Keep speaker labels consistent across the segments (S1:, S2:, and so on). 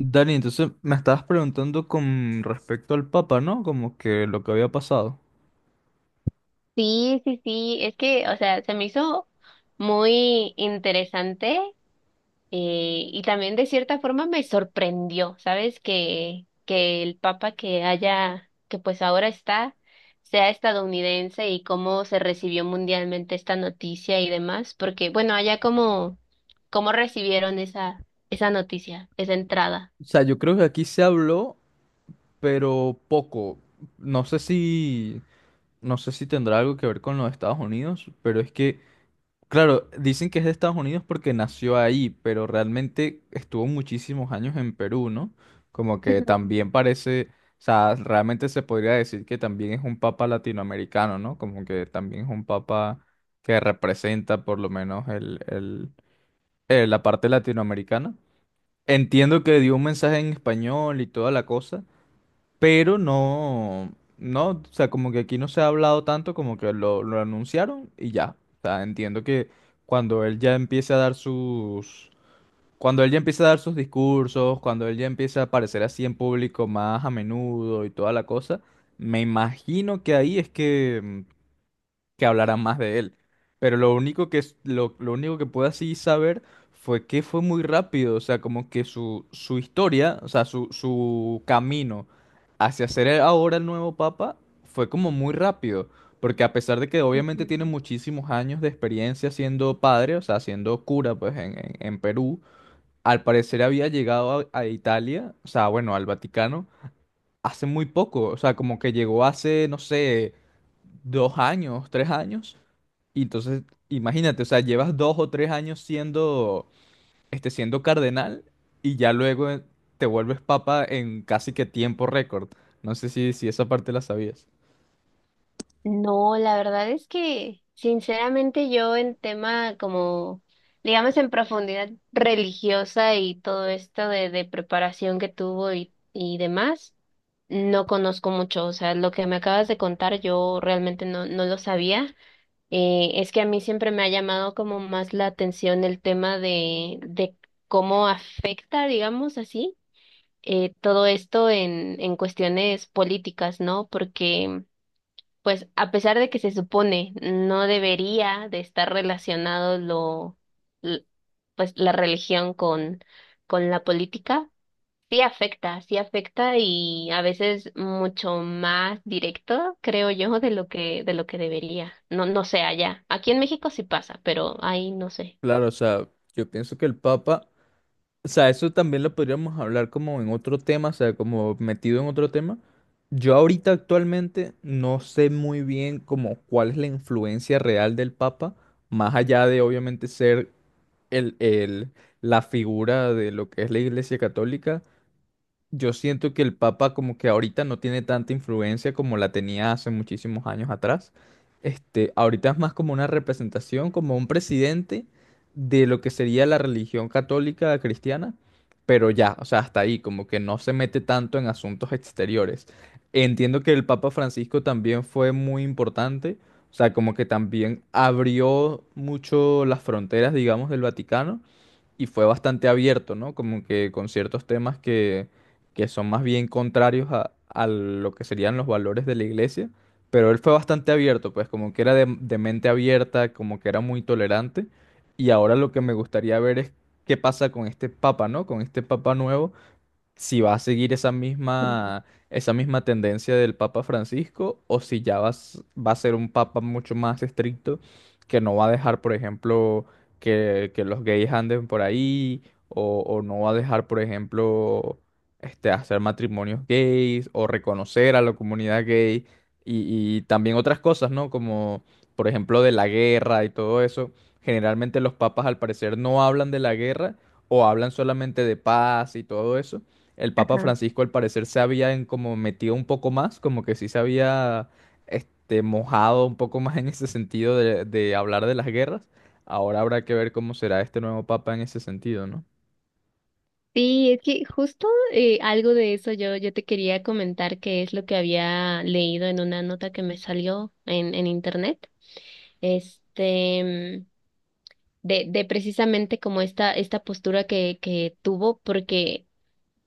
S1: Dani, entonces me estabas preguntando con respecto al Papa, ¿no? Como que lo que había pasado.
S2: Sí, sí, sí, es que, o sea, se me hizo muy interesante y también de cierta forma me sorprendió, ¿sabes? Que el papa que haya, que pues ahora está, sea estadounidense y cómo se recibió mundialmente esta noticia y demás, porque bueno, allá cómo recibieron esa noticia, esa entrada.
S1: O sea, yo creo que aquí se habló, pero poco. No sé si, no sé si tendrá algo que ver con los Estados Unidos, pero es que... Claro, dicen que es de Estados Unidos porque nació ahí, pero realmente estuvo muchísimos años en Perú, ¿no? Como que
S2: Ujú,
S1: también parece, o sea, realmente se podría decir que también es un papa latinoamericano, ¿no? Como que también es un papa que representa por lo menos la parte latinoamericana. Entiendo que dio un mensaje en español y toda la cosa, pero no, o sea, como que aquí no se ha hablado tanto, como que lo anunciaron y ya. O sea, entiendo que cuando él ya empiece a dar sus, cuando él ya empiece a dar sus discursos, cuando él ya empiece a aparecer así en público más a menudo y toda la cosa, me imagino que ahí es que que hablara más de él. Pero lo único que pude así saber fue que fue muy rápido, o sea, como que su historia, o sea, su camino hacia ser ahora el nuevo papa fue como muy rápido. Porque a pesar de que
S2: ujú.
S1: obviamente tiene muchísimos años de experiencia siendo padre, o sea, siendo cura, pues en Perú, al parecer había llegado a Italia, o sea, bueno, al Vaticano, hace muy poco, o sea, como que llegó hace, no sé, dos años, tres años. Y entonces, imagínate, o sea, llevas dos o tres años siendo, este, siendo cardenal y ya luego te vuelves papa en casi que tiempo récord. No sé si esa parte la sabías.
S2: No, la verdad es que sinceramente yo en tema como, digamos en profundidad religiosa y todo esto de, preparación que tuvo y demás, no conozco mucho. O sea, lo que me acabas de contar yo realmente no lo sabía. Es que a mí siempre me ha llamado como más la atención el tema de, cómo afecta, digamos así, todo esto en cuestiones políticas, ¿no? Porque pues a pesar de que se supone no debería de estar relacionado l- pues la religión con la política, sí afecta y a veces mucho más directo, creo yo, de lo que debería. No, no sé allá. Aquí en México sí pasa, pero ahí no sé.
S1: Claro, o sea, yo pienso que el papa, o sea, eso también lo podríamos hablar como en otro tema, o sea, como metido en otro tema. Yo ahorita actualmente no sé muy bien como cuál es la influencia real del papa, más allá de obviamente ser el, el, la figura de lo que es la Iglesia Católica. Yo siento que el Papa como que ahorita no tiene tanta influencia como la tenía hace muchísimos años atrás. Este, ahorita es más como una representación, como un presidente de lo que sería la religión católica cristiana, pero ya, o sea, hasta ahí, como que no se mete tanto en asuntos exteriores. Entiendo que el Papa Francisco también fue muy importante, o sea, como que también abrió mucho las fronteras, digamos, del Vaticano y fue bastante abierto, ¿no? Como que con ciertos temas que son más bien contrarios a lo que serían los valores de la iglesia, pero él fue bastante abierto, pues como que era de mente abierta, como que era muy tolerante, y ahora lo que me gustaría ver es qué pasa con este papa, ¿no? Con este papa nuevo, si va a seguir esa misma tendencia del Papa Francisco o si ya va a ser un papa mucho más estricto que no va a dejar, por ejemplo, que los gays anden por ahí o no va a dejar, por ejemplo, este, hacer matrimonios gays o reconocer a la comunidad gay y también otras cosas, ¿no? Como, por ejemplo, de la guerra y todo eso. Generalmente los papas al parecer no hablan de la guerra o hablan solamente de paz y todo eso. El Papa
S2: Ajá.
S1: Francisco al parecer se había como metido un poco más, como que sí se había, este, mojado un poco más en ese sentido de hablar de las guerras. Ahora habrá que ver cómo será este nuevo Papa en ese sentido, ¿no?
S2: Sí, es que justo algo de eso yo te quería comentar que es lo que había leído en una nota que me salió en, internet, este, de precisamente como esta, postura que tuvo, porque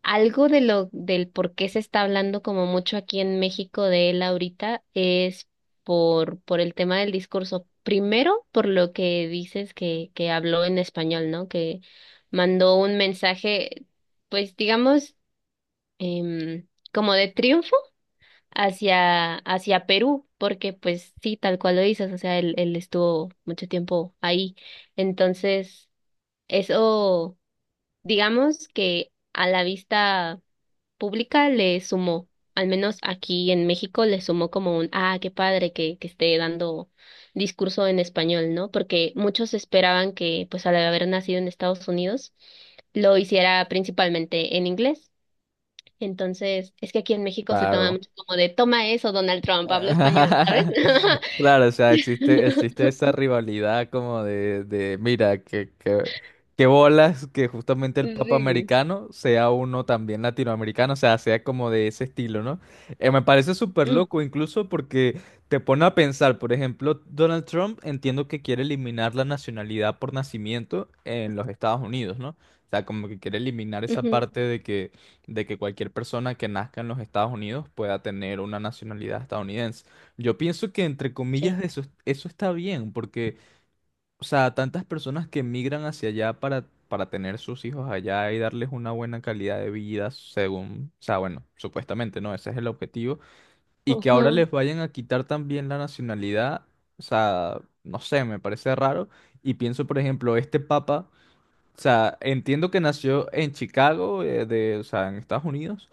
S2: algo de lo del por qué se está hablando como mucho aquí en México de él ahorita es por el tema del discurso. Primero, por lo que dices que habló en español, ¿no? Que mandó un mensaje, pues digamos, como de triunfo hacia Perú, porque pues sí, tal cual lo dices, o sea, él estuvo mucho tiempo ahí. Entonces, eso digamos que a la vista pública le sumó, al menos aquí en México le sumó como un, ah, qué padre que, esté dando discurso en español, ¿no? Porque muchos esperaban que, pues al haber nacido en Estados Unidos, lo hiciera principalmente en inglés. Entonces, es que aquí en México se toma
S1: Claro.
S2: mucho como de, toma eso, Donald Trump, hablo español, ¿sabes?
S1: Claro, o sea, existe, existe esa rivalidad como mira, que bolas que justamente el Papa
S2: Sí.
S1: americano sea uno también latinoamericano, o sea, sea como de ese estilo, ¿no? Me parece súper
S2: Mm,
S1: loco, incluso porque te pone a pensar, por ejemplo, Donald Trump entiendo que quiere eliminar la nacionalidad por nacimiento en los Estados Unidos, ¿no? O sea, como que quiere eliminar esa
S2: ujú,
S1: parte de que cualquier persona que nazca en los Estados Unidos pueda tener una nacionalidad estadounidense. Yo pienso que entre comillas
S2: Sí.
S1: eso, eso está bien, porque, o sea, tantas personas que emigran hacia allá para tener sus hijos allá y darles una buena calidad de vida, según, o sea, bueno, supuestamente, ¿no? Ese es el objetivo. Y que ahora
S2: Ujú,
S1: les vayan a quitar también la nacionalidad, o sea, no sé, me parece raro. Y pienso, por ejemplo, este papa, o sea, entiendo que nació en Chicago, o sea, en Estados Unidos,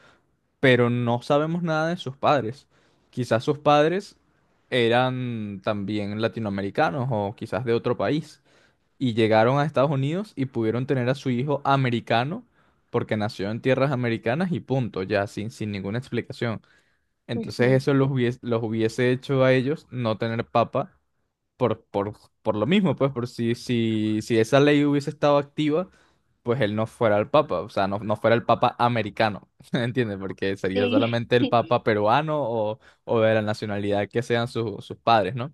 S1: pero no sabemos nada de sus padres. Quizás sus padres eran también latinoamericanos o quizás de otro país y llegaron a Estados Unidos y pudieron tener a su hijo americano porque nació en tierras americanas y punto, ya sin ninguna explicación. Entonces
S2: ujú,
S1: eso los hubiese hecho a ellos no tener papa por, por, por lo mismo, pues, por si esa ley hubiese estado activa, pues él no fuera el papa, o sea, no fuera el papa americano, ¿entiendes? Porque sería
S2: Sí.
S1: solamente el papa peruano o de la nacionalidad que sean sus padres, ¿no?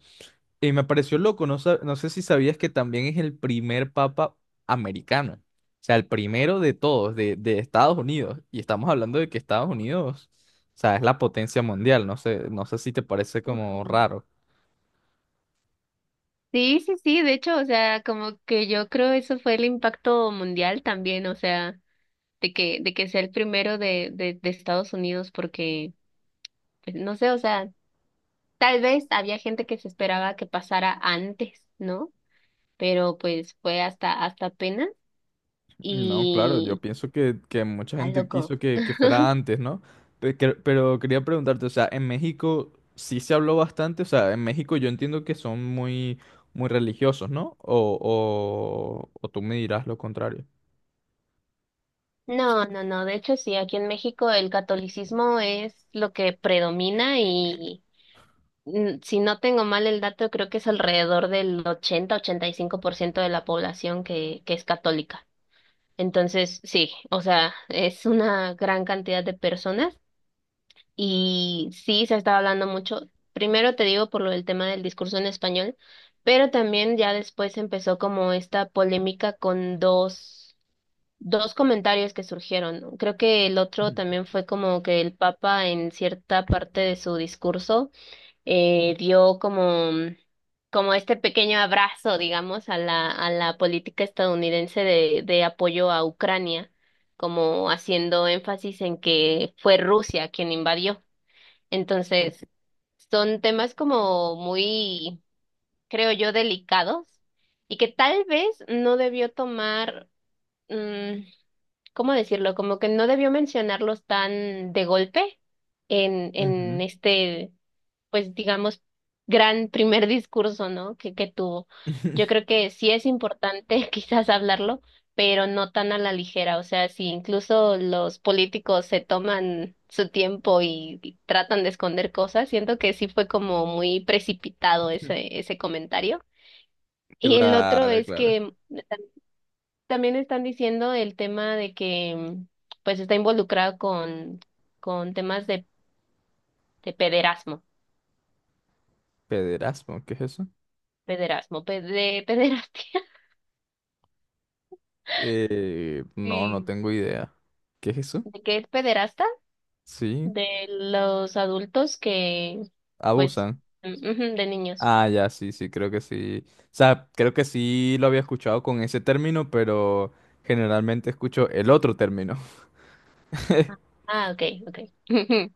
S1: Y me pareció loco, no sé si sabías que también es el primer papa americano, o sea, el primero de todos, de Estados Unidos, y estamos hablando de que Estados Unidos, o sea, es la potencia mundial, no sé, no sé si te parece como raro.
S2: Sí, sí, sí, de hecho, o sea, como que yo creo eso fue el impacto mundial también, o sea, de que, de que, sea el primero de, de Estados Unidos, porque, pues, no sé, o sea, tal vez había gente que se esperaba que pasara antes, ¿no? Pero pues fue hasta apenas
S1: No, claro, yo
S2: y
S1: pienso que mucha
S2: está
S1: gente
S2: loco.
S1: quiso que fuera antes, ¿no? Pero, quería preguntarte, o sea, en México sí se habló bastante, o sea, en México yo entiendo que son muy, muy religiosos, ¿no? O tú me dirás lo contrario.
S2: No, no, no, de hecho sí, aquí en México el catolicismo es lo que predomina. Si no tengo mal el dato, creo que es alrededor del 80-85% de la población que es católica. Entonces, sí, o sea, es una gran cantidad de personas y sí se está hablando mucho. Primero te digo por lo del tema del discurso en español, pero también ya después empezó como esta polémica con dos comentarios que surgieron, ¿no? Creo que el otro
S1: Ujú.
S2: también fue como que el Papa en cierta parte de su discurso dio como, como este pequeño abrazo, digamos, a la, política estadounidense de apoyo a Ucrania, como haciendo énfasis en que fue Rusia quien invadió. Entonces, son temas como muy, creo yo, delicados y que tal vez no debió tomar, mm, ¿cómo decirlo? Como que no debió mencionarlos tan de golpe en,
S1: Ujú.
S2: en este pues digamos, gran primer discurso, ¿no? que tuvo. Yo creo que sí es importante quizás hablarlo, pero no tan a la ligera. O sea, si incluso los políticos se toman su tiempo y tratan de esconder cosas, siento que sí fue como muy precipitado ese, comentario. Y el otro
S1: Claro,
S2: es
S1: claro.
S2: que también están diciendo el tema de que pues está involucrado con, temas de pederasmo,
S1: Pederasmo, ¿qué es eso?
S2: pederasmo, de pederastia.
S1: No, no
S2: Sí.
S1: tengo idea. ¿Qué es eso?
S2: ¿De qué pederasta?
S1: Sí,
S2: De los adultos que, pues,
S1: abusan.
S2: ujú, de niños.
S1: Ah, ya, sí, sí, creo que sí. O sea, creo que sí lo había escuchado con ese término, pero generalmente escucho el otro término.
S2: Ah, ah, ok, ok.